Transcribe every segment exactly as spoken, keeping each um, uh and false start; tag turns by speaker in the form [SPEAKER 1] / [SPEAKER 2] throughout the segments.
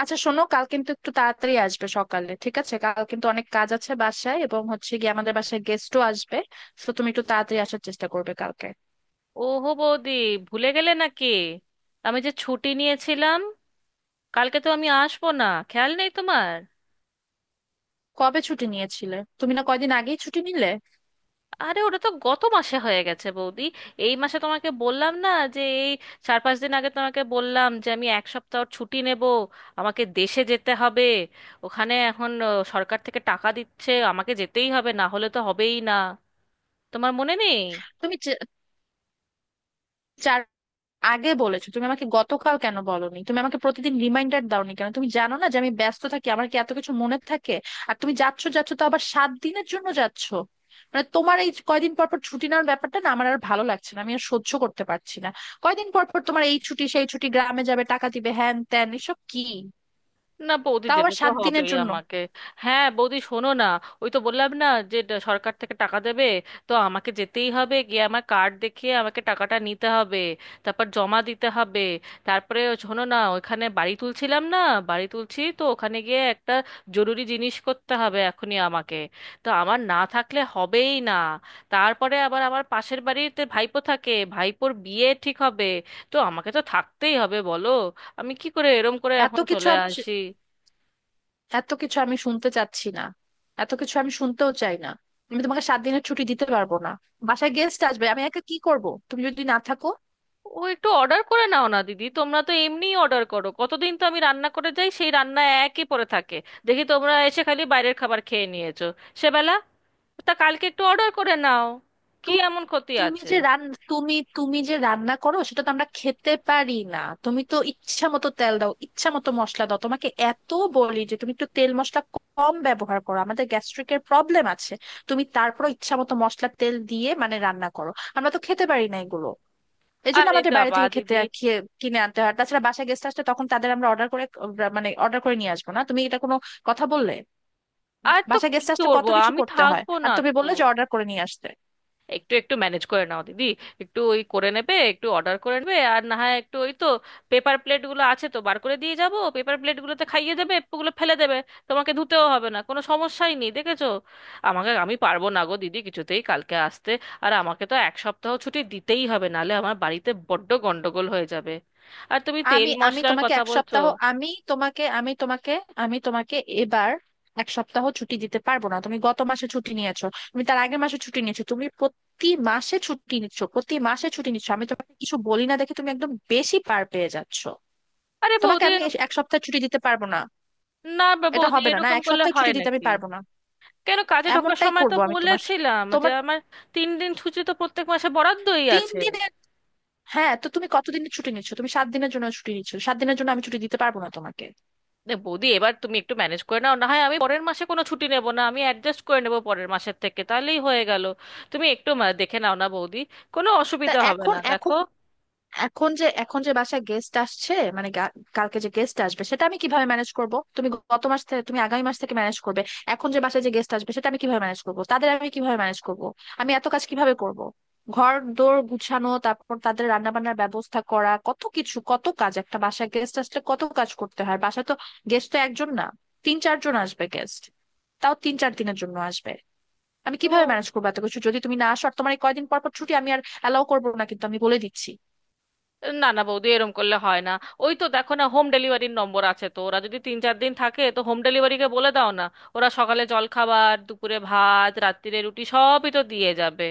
[SPEAKER 1] আচ্ছা শোনো, কাল কিন্তু একটু তাড়াতাড়ি আসবে সকালে, ঠিক আছে? কাল কিন্তু অনেক কাজ আছে বাসায়, এবং হচ্ছে গিয়ে আমাদের বাসায় গেস্টও আসবে। তো তুমি একটু তাড়াতাড়ি আসার চেষ্টা করবে কালকে।
[SPEAKER 2] ওহো বৌদি, ভুলে গেলে নাকি? আমি যে ছুটি নিয়েছিলাম, কালকে তো আমি আসবো না। খেয়াল নেই তোমার?
[SPEAKER 1] কবে ছুটি নিয়েছিলে তুমি? না, কয়দিন আগেই ছুটি নিলে।
[SPEAKER 2] আরে ওটা তো গত মাসে হয়ে গেছে বৌদি। এই মাসে তোমাকে বললাম না, যে এই চার পাঁচ দিন আগে তোমাকে বললাম যে আমি এক সপ্তাহ ছুটি নেব, আমাকে দেশে যেতে হবে। ওখানে এখন আহ, সরকার থেকে টাকা দিচ্ছে, আমাকে যেতেই হবে, না হলে তো হবেই না। তোমার মনে নেই?
[SPEAKER 1] তুমি চে- চার আগে বলেছো তুমি আমাকে, গতকাল কেন বলোনি তুমি আমাকে? প্রতিদিন রিমাইন্ডার দাওনি কেন? তুমি জানো না যে আমি ব্যস্ত থাকি? আমার কি এত কিছু মনে থাকে? আর তুমি যাচ্ছ যাচ্ছ তো, আবার সাত দিনের জন্য যাচ্ছ। মানে তোমার এই কয়দিন পর পর ছুটি নেওয়ার ব্যাপারটা না, আমার আর ভালো লাগছে না, আমি আর সহ্য করতে পারছি না। কয়দিন পর পর তোমার এই ছুটি সেই ছুটি, গ্রামে যাবে, টাকা দিবে, হ্যান ত্যান, এসব কি?
[SPEAKER 2] না বৌদি,
[SPEAKER 1] তাও আবার
[SPEAKER 2] যেতে তো
[SPEAKER 1] সাত দিনের
[SPEAKER 2] হবেই
[SPEAKER 1] জন্য।
[SPEAKER 2] আমাকে। হ্যাঁ বৌদি, শোনো না, ওই তো বললাম না যে ড- সরকার থেকে টাকা দেবে, তো আমাকে যেতেই হবে, গিয়ে আমার কার্ড দেখিয়ে আমাকে টাকাটা নিতে হবে, তারপর জমা দিতে হবে, তারপরে। শোনো না, ওখানে বাড়ি তুলছিলাম না, বাড়ি তুলছি তো, ওখানে গিয়ে একটা জরুরি জিনিস করতে হবে এখনই আমাকে, তো আমার না থাকলে হবেই না। তারপরে আবার আমার পাশের বাড়িতে ভাইপো থাকে, ভাইপোর বিয়ে ঠিক হবে, তো আমাকে তো থাকতেই হবে, বলো। আমি কি করে এরম করে
[SPEAKER 1] এত
[SPEAKER 2] এখন
[SPEAKER 1] কিছু
[SPEAKER 2] চলে
[SPEAKER 1] আমি
[SPEAKER 2] আসি?
[SPEAKER 1] এত কিছু আমি শুনতে চাচ্ছি না এত কিছু আমি শুনতেও চাই না। আমি তোমাকে সাত দিনের ছুটি দিতে পারবো না। বাসায় গেস্ট আসবে, আমি একা কি করব তুমি যদি না থাকো?
[SPEAKER 2] ও, একটু অর্ডার করে নাও না দিদি, তোমরা তো এমনিই অর্ডার করো। কতদিন তো আমি রান্না করে যাই, সেই রান্না একই পড়ে থাকে। দেখি তোমরা এসে খালি বাইরের খাবার খেয়ে নিয়েছো সেবেলা। তা কালকে একটু অর্ডার করে নাও,
[SPEAKER 1] তো
[SPEAKER 2] কি এমন ক্ষতি
[SPEAKER 1] তুমি
[SPEAKER 2] আছে?
[SPEAKER 1] যে রান তুমি তুমি যে রান্না করো সেটা তো আমরা খেতে পারি না। তুমি তো ইচ্ছা মতো তেল দাও, ইচ্ছা মতো মশলা দাও। তোমাকে এত বলি যে তুমি একটু তেল মশলা কম ব্যবহার করো, আমাদের গ্যাস্ট্রিকের প্রবলেম আছে। তুমি তারপর ইচ্ছা মতো মশলা তেল দিয়ে মানে রান্না করো, আমরা তো খেতে পারি না এগুলো। এই জন্য
[SPEAKER 2] আরে
[SPEAKER 1] আমাদের বাইরে
[SPEAKER 2] বাবা
[SPEAKER 1] থেকে খেতে
[SPEAKER 2] দিদি,
[SPEAKER 1] খেয়ে কিনে আনতে হয়। আর তাছাড়া বাসায় গেস্ট আসলে তখন তাদের আমরা অর্ডার করে আহ, মানে অর্ডার করে নিয়ে আসবো না, তুমি এটা কোনো কথা বললে?
[SPEAKER 2] আর তো
[SPEAKER 1] বাসায়
[SPEAKER 2] কি
[SPEAKER 1] গেস্ট আসলে কত
[SPEAKER 2] করবো,
[SPEAKER 1] কিছু
[SPEAKER 2] আমি
[SPEAKER 1] করতে হয়,
[SPEAKER 2] থাকবো
[SPEAKER 1] আর
[SPEAKER 2] না
[SPEAKER 1] তুমি
[SPEAKER 2] তো,
[SPEAKER 1] বললে যে অর্ডার করে নিয়ে আসতে?
[SPEAKER 2] একটু একটু ম্যানেজ করে নাও দিদি। একটু ওই করে নেবে, একটু অর্ডার করে নেবে, আর না হয় একটু ওই তো পেপার প্লেটগুলো আছে তো, বার করে দিয়ে যাব, পেপার প্লেটগুলোতে খাইয়ে দেবে, ওগুলো ফেলে দেবে, তোমাকে ধুতেও হবে না, কোনো সমস্যাই নেই, দেখেছো? আমাকে আমি পারবো না গো দিদি কিছুতেই কালকে আসতে। আর আমাকে তো এক সপ্তাহ ছুটি দিতেই হবে, নাহলে আমার বাড়িতে বড্ড গন্ডগোল হয়ে যাবে। আর তুমি তেল
[SPEAKER 1] আমি আমি
[SPEAKER 2] মশলার
[SPEAKER 1] তোমাকে
[SPEAKER 2] কথা
[SPEAKER 1] এক
[SPEAKER 2] বলছো।
[SPEAKER 1] সপ্তাহ আমি তোমাকে আমি তোমাকে আমি তোমাকে এবার এক সপ্তাহ ছুটি দিতে পারবো না। তুমি গত মাসে ছুটি নিয়েছো, তুমি তার আগের মাসে ছুটি নিয়েছো, তুমি প্রতি মাসে ছুটি নিচ্ছ। প্রতি মাসে ছুটি নিচ্ছ, আমি তোমাকে কিছু বলি না দেখে তুমি একদম বেশি পার পেয়ে যাচ্ছ।
[SPEAKER 2] আরে
[SPEAKER 1] তোমাকে
[SPEAKER 2] বৌদি,
[SPEAKER 1] আমি এক সপ্তাহ ছুটি দিতে পারবো না।
[SPEAKER 2] না বা
[SPEAKER 1] এটা
[SPEAKER 2] বৌদি,
[SPEAKER 1] হবে না, না,
[SPEAKER 2] এরকম
[SPEAKER 1] এক
[SPEAKER 2] করলে
[SPEAKER 1] সপ্তাহ ছুটি
[SPEAKER 2] হয়
[SPEAKER 1] দিতে আমি
[SPEAKER 2] নাকি?
[SPEAKER 1] পারবো না।
[SPEAKER 2] কেন, কাজে ঢোকার
[SPEAKER 1] এমনটাই
[SPEAKER 2] সময় তো
[SPEAKER 1] করব আমি। তোমার
[SPEAKER 2] বলেছিলাম যে
[SPEAKER 1] তোমার
[SPEAKER 2] আমার তিন দিন ছুটি তো প্রত্যেক মাসে বরাদ্দই
[SPEAKER 1] তিন
[SPEAKER 2] আছে।
[SPEAKER 1] দিনের হ্যাঁ, তো তুমি কতদিনের ছুটি নিচ্ছ? তুমি সাত দিনের জন্য ছুটি নিচ্ছ, সাত দিনের জন্য আমি ছুটি দিতে পারবো না তোমাকে।
[SPEAKER 2] এ বৌদি, এবার তুমি একটু ম্যানেজ করে নাও, না হয় আমি পরের মাসে কোনো ছুটি নেব না, আমি অ্যাডজাস্ট করে নেব পরের মাসের থেকে, তাহলেই হয়ে গেল। তুমি একটু মা- দেখে নাও না বৌদি, কোনো
[SPEAKER 1] তা
[SPEAKER 2] অসুবিধা হবে
[SPEAKER 1] এখন
[SPEAKER 2] না দেখো।
[SPEAKER 1] এখন এখন যে এখন যে বাসায় গেস্ট আসছে মানে গা- কালকে যে গেস্ট আসবে সেটা আমি কিভাবে ম্যানেজ করব? তুমি গত মাস থেকে, তুমি আগামী মাস থেকে ম্যানেজ করবে। এখন যে বাসায় যে গেস্ট আসবে সেটা আমি কিভাবে ম্যানেজ করব? তাদের আমি কিভাবে ম্যানেজ করব? আমি এত কাজ কিভাবে করব? ঘর দোর গুছানো, তারপর তাদের রান্না বান্নার ব্যবস্থা করা, কত কিছু, কত কাজ একটা বাসায় গেস্ট আসলে কত কাজ করতে হয় বাসায়। তো গেস্ট তো একজন না, তিন চারজন আসবে গেস্ট, তাও তিন চার দিনের জন্য আসবে। আমি
[SPEAKER 2] তো
[SPEAKER 1] কিভাবে ম্যানেজ করবো এত কিছু যদি তুমি না আসো? আর তোমার এই কয়দিন পর পর ছুটি আমি আর অ্যালাউ করবো না কিন্তু, আমি বলে দিচ্ছি।
[SPEAKER 2] না না বৌদি, এরম করলে হয় না, ওই তো দেখো না, হোম ডেলিভারির নম্বর আছে তো, ওরা যদি তিন চার দিন থাকে তো, হোম ডেলিভারিকে বলে দাও না। ওরা সকালে জলখাবার, দুপুরে ভাত, রাত্তিরে রুটি, সবই তো দিয়ে যাবে।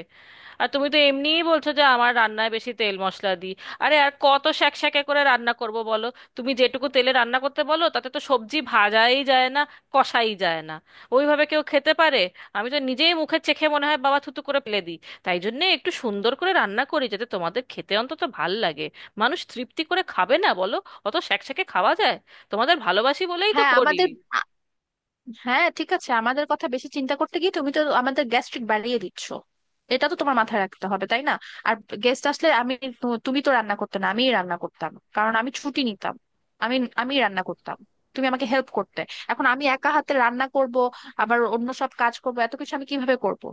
[SPEAKER 2] আর তুমি তো এমনিই বলছো যে আমার রান্নায় বেশি তেল মশলা দিই, আরে আর কত শ্যাকশ্যাকে করে রান্না করব বলো? তুমি যেটুকু তেলে রান্না করতে বলো তাতে তো সবজি ভাজাই যায় না, কষাই যায় না। ওইভাবে কেউ খেতে পারে? আমি তো নিজেই মুখে চেখে মনে হয় বাবা, থুতু করে ফেলে দিই। তাই জন্য একটু সুন্দর করে রান্না করি যাতে তোমাদের খেতে অন্তত ভাল লাগে। মানুষ তৃপ্তি করে খাবে না বলো? অত শ্যাকশ্যাকে খাওয়া যায়? তোমাদের ভালোবাসি বলেই তো
[SPEAKER 1] হ্যাঁ
[SPEAKER 2] করি।
[SPEAKER 1] আমাদের আ- হ্যাঁ, ঠিক আছে, আমাদের কথা বেশি চিন্তা করতে গিয়ে তুমি তো আমাদের গ্যাস্ট্রিক বাড়িয়ে দিচ্ছ। এটা তো তোমার মাথায় রাখতে হবে, তাই না? আর গেস্ট আসলে আমি, তু- তুমি তো রান্না করতে না, আমিই রান্না করতাম কারণ আমি ছুটি নিতাম। আমি আমি রান্না করতাম, তুমি আমাকে হেল্প করতে। এখন আমি একা হাতে রান্না করব, আবার অন্য সব কাজ করব, এত কিছু আমি কিভাবে করব?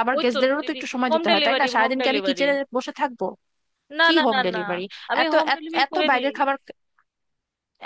[SPEAKER 1] আবার
[SPEAKER 2] ওই তো
[SPEAKER 1] গেস্টদেরও তো
[SPEAKER 2] দিদি,
[SPEAKER 1] একটু সময়
[SPEAKER 2] হোম
[SPEAKER 1] দিতে হয়, তাই না?
[SPEAKER 2] ডেলিভারি, হোম
[SPEAKER 1] সারাদিন কি আমি
[SPEAKER 2] ডেলিভারি,
[SPEAKER 1] কিচেনে বসে থাকবো?
[SPEAKER 2] না
[SPEAKER 1] কি
[SPEAKER 2] না না
[SPEAKER 1] হোম
[SPEAKER 2] না,
[SPEAKER 1] ডেলিভারি?
[SPEAKER 2] আমি
[SPEAKER 1] এত
[SPEAKER 2] হোম
[SPEAKER 1] এত
[SPEAKER 2] ডেলিভারি
[SPEAKER 1] এত
[SPEAKER 2] করে দিই।
[SPEAKER 1] বাইরের খাবার,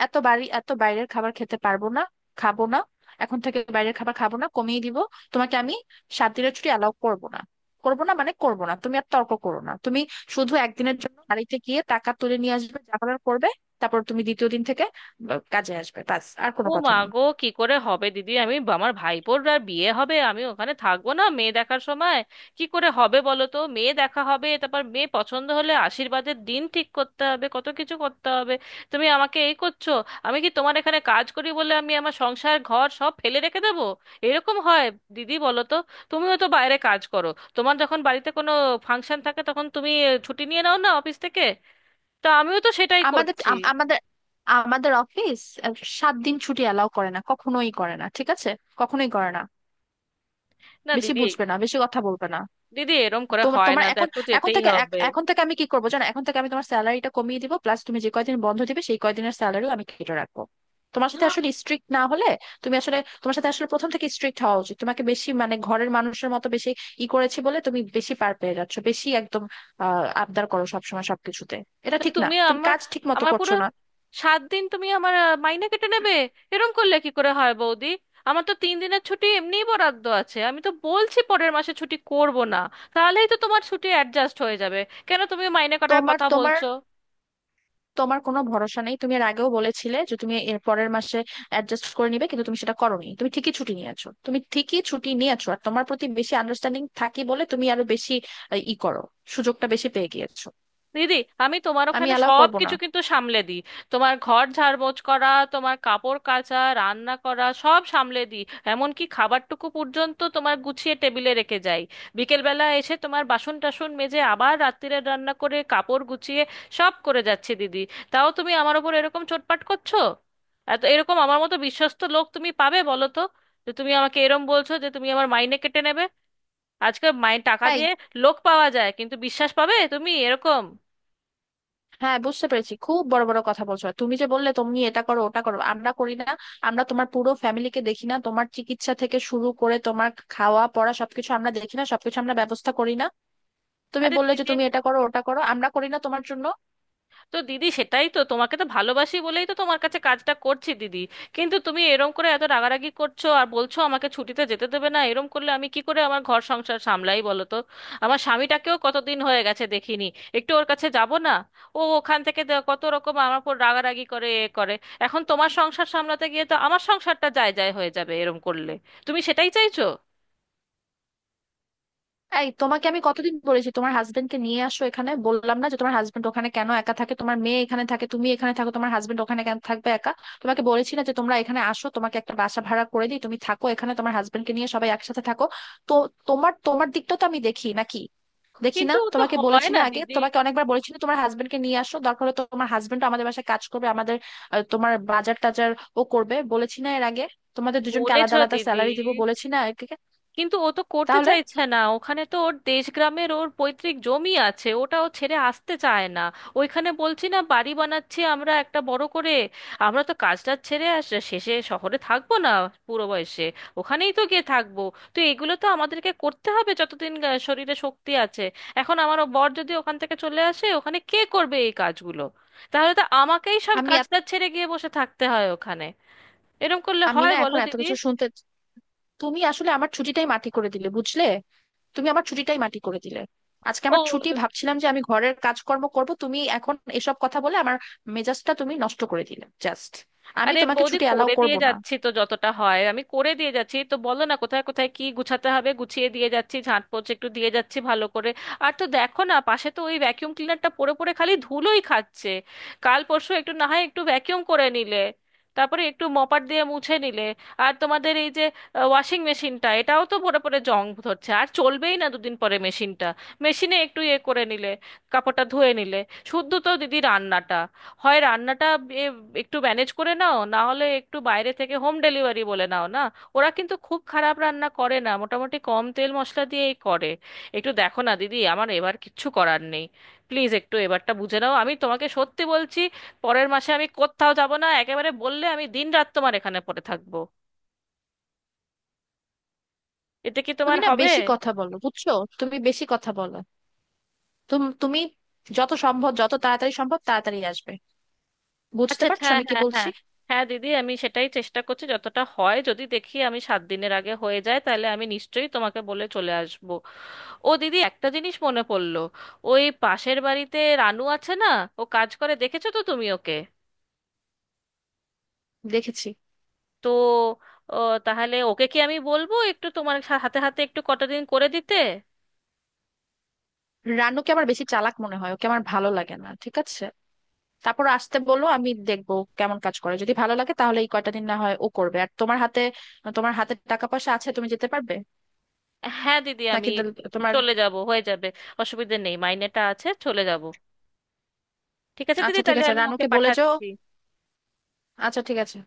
[SPEAKER 1] এত বাড়ি এত বাইরের খাবার খেতে পারবো না, খাবো না। এখন থেকে বাইরের খাবার খাবো না, কমিয়ে দিব। তোমাকে আমি সাত দিনের ছুটি অ্যালাউ করবো না। করবো না মানে করবো না, তুমি আর তর্ক করো না তুমি। শুধু একদিনের জন্য বাড়িতে গিয়ে টাকা তুলে নিয়ে আসবে, যা করার করবে। তারপর তুমি দ্বিতীয় দিন থেকে আহ, কাজে আসবে, ব্যাস, আর কোনো
[SPEAKER 2] ও
[SPEAKER 1] কথা
[SPEAKER 2] মা
[SPEAKER 1] নেই।
[SPEAKER 2] গো, কি করে হবে দিদি, আমি আমার ভাইপোর আর বিয়ে হবে, আমি ওখানে থাকবো না মেয়ে দেখার সময়। কি করে হবে বলো তো? মেয়ে দেখা হবে, তারপর মেয়ে পছন্দ হলে আশীর্বাদের দিন ঠিক করতে হবে, কত কিছু করতে হবে। তুমি আমাকে এই করছো। আমি কি তোমার এখানে কাজ করি বলে আমি আমার সংসার ঘর সব ফেলে রেখে দেবো? এরকম হয় দিদি বলো তো? তুমিও তো বাইরে কাজ করো, তোমার যখন বাড়িতে কোনো ফাংশন থাকে তখন তুমি ছুটি নিয়ে নাও না অফিস থেকে। তা আমিও তো সেটাই
[SPEAKER 1] আমাদের
[SPEAKER 2] করছি।
[SPEAKER 1] আম- আমাদের আমাদের অফিস আহ, সাত দিন ছুটি অ্যালাউ করে না, কখনোই করে না, ঠিক আছে? কখনোই করে না।
[SPEAKER 2] না
[SPEAKER 1] বেশি
[SPEAKER 2] দিদি,
[SPEAKER 1] বুঝবে না, বেশি কথা বলবে না।
[SPEAKER 2] দিদি এরম করে
[SPEAKER 1] তোমার
[SPEAKER 2] হয়
[SPEAKER 1] তোমার
[SPEAKER 2] না,
[SPEAKER 1] এখন,
[SPEAKER 2] দেখো
[SPEAKER 1] এখন
[SPEAKER 2] যেতেই
[SPEAKER 1] থেকে এক-
[SPEAKER 2] হবে।
[SPEAKER 1] এখন থেকে আমি কি করবো জানো, এখন থেকে আমি তোমার স্যালারিটা কমিয়ে দিব। প্লাস তুমি যে কয়দিন বন্ধ দিবে, সেই কয়দিনের স্যালারিও আমি কেটে রাখবো। তোমার সাথে আসলে স্ট্রিক্ট না হলে, তুমি আসলে তোমার সাথে আসলে প্রথম থেকে স্ট্রিক্ট হওয়া উচিত। তোমাকে বেশি মানে ঘরের মানুষের মতো বেশি ই করেছি বলে তুমি বেশি পার পেয়ে যাচ্ছ, বেশি একদম আহ আবদার করো সবসময় সবকিছুতে। এটা
[SPEAKER 2] তো
[SPEAKER 1] ঠিক না,
[SPEAKER 2] তুমি
[SPEAKER 1] তুমি
[SPEAKER 2] আমার
[SPEAKER 1] কাজ ঠিক মতো
[SPEAKER 2] আমার পুরো
[SPEAKER 1] করছো না।
[SPEAKER 2] সাত দিন তুমি আমার আহ, মাইনে কেটে নেবে? এরম করলে কি করে হয় বৌদি? আমার তো তিন দিনের ছুটি এমনিই বরাদ্দ আছে, আমি তো বলছি পরের মাসে ছুটি করব না, তাহলেই তো তোমার ছুটি অ্যাডজাস্ট হয়ে যাবে। কেন তুমি মাইনে কাটার
[SPEAKER 1] তোমার
[SPEAKER 2] কথা
[SPEAKER 1] তোমার
[SPEAKER 2] বলছো?
[SPEAKER 1] তোমার কোনো ভরসা নেই। তুমি এর আগেও বলেছিলে যে তুমি এর পরের মাসে অ্যাডজাস্ট করে নিবে, কিন্তু তুমি সেটা করোনি, তুমি ঠিকই ছুটি নিয়েছো। তুমি ঠিকই ছুটি নিয়েছো, আর তোমার প্রতি বেশি আন্ডারস্ট্যান্ডিং থাকি বলে তুমি আরো বেশি আহ, ই করো, সুযোগটা বেশি পেয়ে গিয়েছো।
[SPEAKER 2] দিদি, আমি তোমার
[SPEAKER 1] আমি
[SPEAKER 2] ওখানে
[SPEAKER 1] অ্যালাউ
[SPEAKER 2] সব
[SPEAKER 1] করবো না।
[SPEAKER 2] কিছু কিন্তু সামলে দিই। তোমার ঘর ঝাড়পোছ করা, তোমার কাপড় কাচা, রান্না করা সব সামলে দিই। এমনকি খাবারটুকু পর্যন্ত তোমার গুছিয়ে টেবিলে রেখে যাই, বিকেলবেলা এসে তোমার বাসন টাসন মেজে আবার রাত্তিরের রান্না করে কাপড় গুছিয়ে সব করে যাচ্ছি দিদি। তাও তুমি আমার ওপর এরকম চোটপাট করছো। এত এরকম আমার মতো বিশ্বস্ত লোক তুমি পাবে বলো তো? যে তুমি আমাকে এরম বলছো যে তুমি আমার মাইনে কেটে নেবে। আজকাল মাইনে টাকা
[SPEAKER 1] তাই।
[SPEAKER 2] দিয়ে লোক পাওয়া যায়, কিন্তু বিশ্বাস পাবে তুমি এরকম?
[SPEAKER 1] হ্যাঁ, বুঝতে পেরেছি, খুব বড় বড় কথা বলছো। আর তুমি যে বললে তুমি এটা করো ওটা করো, আমরা করি না? আমরা তোমার পুরো ফ্যামিলিকে দেখি না? তোমার চিকিৎসা থেকে শুরু করে তোমার খাওয়া পড়া সবকিছু আমরা দেখি না? সবকিছু আমরা ব্যবস্থা করি না? তুমি
[SPEAKER 2] আরে
[SPEAKER 1] বললে যে
[SPEAKER 2] দিদি,
[SPEAKER 1] তুমি এটা করো ওটা করো, আমরা করি না তোমার জন্য?
[SPEAKER 2] তো দিদি সেটাই তো, তোমাকে তো ভালোবাসি বলেই তো তোমার কাছে কাজটা করছি দিদি। কিন্তু তুমি এরম করে এত রাগারাগি করছো আর বলছো আমাকে ছুটিতে যেতে দেবে না, এরম করলে আমি কি করে আমার ঘর সংসার সামলাই বলো তো? আমার স্বামীটাকেও কতদিন হয়ে গেছে দেখিনি, একটু ওর কাছে যাব না? ও ওখান থেকে দে- কত রকম আমার উপর রাগারাগি করে, এ করে। এখন তোমার সংসার সামলাতে গিয়ে তো আমার সংসারটা যায় যায় হয়ে যাবে এরম করলে। তুমি সেটাই চাইছো?
[SPEAKER 1] এই, তোমাকে আমি কতদিন বলেছি তোমার হাজবেন্ডকে নিয়ে আসো এখানে, বললাম না যে তোমার হাজবেন্ড ওখানে কেন একা থাকে? তোমার মেয়ে এখানে থাকে, তুমি এখানে থাকো, তোমার হাজবেন্ড ওখানে কেন থাকবে একা? তোমাকে বলেছি না যে তোমরা এখানে আসো, তোমাকে একটা বাসা ভাড়া করে দিই, তুমি থাকো এখানে তোমার হাজবেন্ডকে নিয়ে, সবাই একসাথে থাকো। তো তোমার তোমার দিকটা তো আমি দেখি নাকি দেখি
[SPEAKER 2] কিন্তু
[SPEAKER 1] না?
[SPEAKER 2] ও তো
[SPEAKER 1] তোমাকে
[SPEAKER 2] হয়
[SPEAKER 1] বলেছি না
[SPEAKER 2] না
[SPEAKER 1] আগে,
[SPEAKER 2] দিদি।
[SPEAKER 1] তোমাকে অনেকবার বলেছি না তোমার হাজবেন্ডকে নিয়ে আসো? দরকার হলে তোমার হাজবেন্ড আমাদের বাসায় কাজ করবে, আমাদের আহ, তোমার বাজার টাজার ও করবে, বলেছি না এর আগে? তোমাদের দুজনকে আলাদা
[SPEAKER 2] বলেছো
[SPEAKER 1] আলাদা
[SPEAKER 2] দিদি,
[SPEAKER 1] স্যালারি দিব, বলেছি না একে?
[SPEAKER 2] কিন্তু ও তো করতে
[SPEAKER 1] তাহলে
[SPEAKER 2] চাইছে না, ওখানে তো ওর দেশগ্রামের ওর পৈতৃক জমি আছে, ওটা ও ছেড়ে আসতে চায় না। ওইখানে বলছি না বাড়ি বানাচ্ছি আমরা একটা বড় করে। আমরা তো কাজটা ছেড়ে আস শেষে শহরে থাকবো না, বুড়ো বয়সে ওখানেই তো গিয়ে থাকবো। তো এগুলো তো আমাদেরকে করতে হবে যতদিন আহ, শরীরে শক্তি আছে। এখন আমার ও বর যদি ওখান থেকে চলে আসে, ওখানে কে করবে এই কাজগুলো? তাহলে তো আমাকেই সব
[SPEAKER 1] আমি,
[SPEAKER 2] কাজটা ছেড়ে গিয়ে বসে থাকতে হয় ওখানে। এরম করলে
[SPEAKER 1] আমি
[SPEAKER 2] হয়
[SPEAKER 1] না
[SPEAKER 2] বলো
[SPEAKER 1] এখন এত
[SPEAKER 2] দিদি?
[SPEAKER 1] কিছু শুনতে। তুমি আসলে আমার ছুটিটাই মাটি করে দিলে, বুঝলে? তুমি আমার ছুটিটাই মাটি করে দিলে। আজকে আমার
[SPEAKER 2] ও
[SPEAKER 1] ছুটি, ভাবছিলাম যে আমি ঘরের কাজকর্ম করব, তুমি এখন এসব কথা বলে আমার মেজাজটা তুমি নষ্ট করে দিলে জাস্ট। আমি
[SPEAKER 2] আরে
[SPEAKER 1] তোমাকে
[SPEAKER 2] বৌদি,
[SPEAKER 1] ছুটি অ্যালাউ
[SPEAKER 2] করে
[SPEAKER 1] করব
[SPEAKER 2] দিয়ে
[SPEAKER 1] না।
[SPEAKER 2] যাচ্ছি তো, যতটা হয় আমি করে দিয়ে যাচ্ছি তো, বলো না কোথায় কোথায় কি গুছাতে হবে, গুছিয়ে দিয়ে যাচ্ছি, ঝাঁট পোছ একটু দিয়ে যাচ্ছি ভালো করে। আর তো দেখো না, পাশে তো ওই ভ্যাকিউম ক্লিনারটা পড়ে পড়ে খালি ধুলোই খাচ্ছে। কাল পরশু একটু না হয় একটু ভ্যাকিউম করে নিলে, তারপরে একটু মপার দিয়ে মুছে নিলে। আর তোমাদের এই যে ওয়াশিং মেশিনটা, এটাও তো পরে পরে জং ধরছে, আর চলবেই না দুদিন পরে মেশিনটা। মেশিনে একটু ইয়ে করে নিলে, কাপড়টা ধুয়ে নিলে। শুদ্ধ তো দিদি রান্নাটা, হয় রান্নাটা, এ- একটু ম্যানেজ করে নাও, না হলে একটু বাইরে থেকে হোম ডেলিভারি বলে নাও না। ওরা কিন্তু খুব খারাপ রান্না করে না, মোটামুটি কম তেল মশলা দিয়েই করে। একটু দেখো না দিদি, আমার এবার কিচ্ছু করার নেই। প্লিজ একটু এবারটা বুঝে নাও, আমি তোমাকে সত্যি বলছি, পরের মাসে আমি কোথাও যাব না একেবারে, বললে আমি দিন রাত তোমার এখানে পড়ে থাকবো। এতে কি
[SPEAKER 1] তুমি
[SPEAKER 2] তোমার
[SPEAKER 1] না
[SPEAKER 2] হবে?
[SPEAKER 1] বেশি কথা বলো, বুঝছো? তুমি বেশি কথা বলো। তুম- তুমি যত সম্ভব, যত তাড়াতাড়ি সম্ভব তাড়াতাড়ি আসবে। বুঝতে
[SPEAKER 2] আচ্ছা আচ্ছা,
[SPEAKER 1] পারছো
[SPEAKER 2] হ্যাঁ
[SPEAKER 1] আমি কি
[SPEAKER 2] হ্যাঁ
[SPEAKER 1] বলছি?
[SPEAKER 2] হ্যাঁ, হ্যাঁ দিদি আমি সেটাই চেষ্টা করছি, যতটা হয় যদি দেখি আমি সাত দিনের আগে হয়ে যায়, তাহলে আমি নিশ্চয়ই তোমাকে বলে চলে আসব। ও দিদি, একটা জিনিস মনে পড়লো, ওই পাশের বাড়িতে রানু আছে না, ও কাজ করে, দেখেছো তো তুমি ওকে?
[SPEAKER 1] দেখেছি।
[SPEAKER 2] তো ও, তাহলে ওকে কি আমি বলবো একটু তোমার সা- হাতে হাতে একটু কটা দিন করে দিতে?
[SPEAKER 1] রানুকে আমার বেশি চালাক মনে হয়, ওকে আমার ভালো লাগে না, ঠিক আছে? তারপর আসতে বলো, আমি দেখবো কেমন কাজ করে। যদি ভালো লাগে তাহলে এই কয়টা দিন না হয় ও করবে। আর তোমার হাতে, তোমার হাতে টাকা পয়সা আছে, তুমি যেতে পারবে
[SPEAKER 2] হ্যাঁ দিদি আমি
[SPEAKER 1] নাকি তা- তোমার?
[SPEAKER 2] চলে যাব, হয়ে যাবে, অসুবিধে নেই মাইনেটা আছে, চলে যাব। ঠিক আছে দিদি,
[SPEAKER 1] আচ্ছা, ঠিক
[SPEAKER 2] তাহলে
[SPEAKER 1] আছে,
[SPEAKER 2] আমি ওকে
[SPEAKER 1] রানুকে বলে যাও।
[SPEAKER 2] পাঠাচ্ছি।
[SPEAKER 1] আচ্ছা, ঠিক আছে।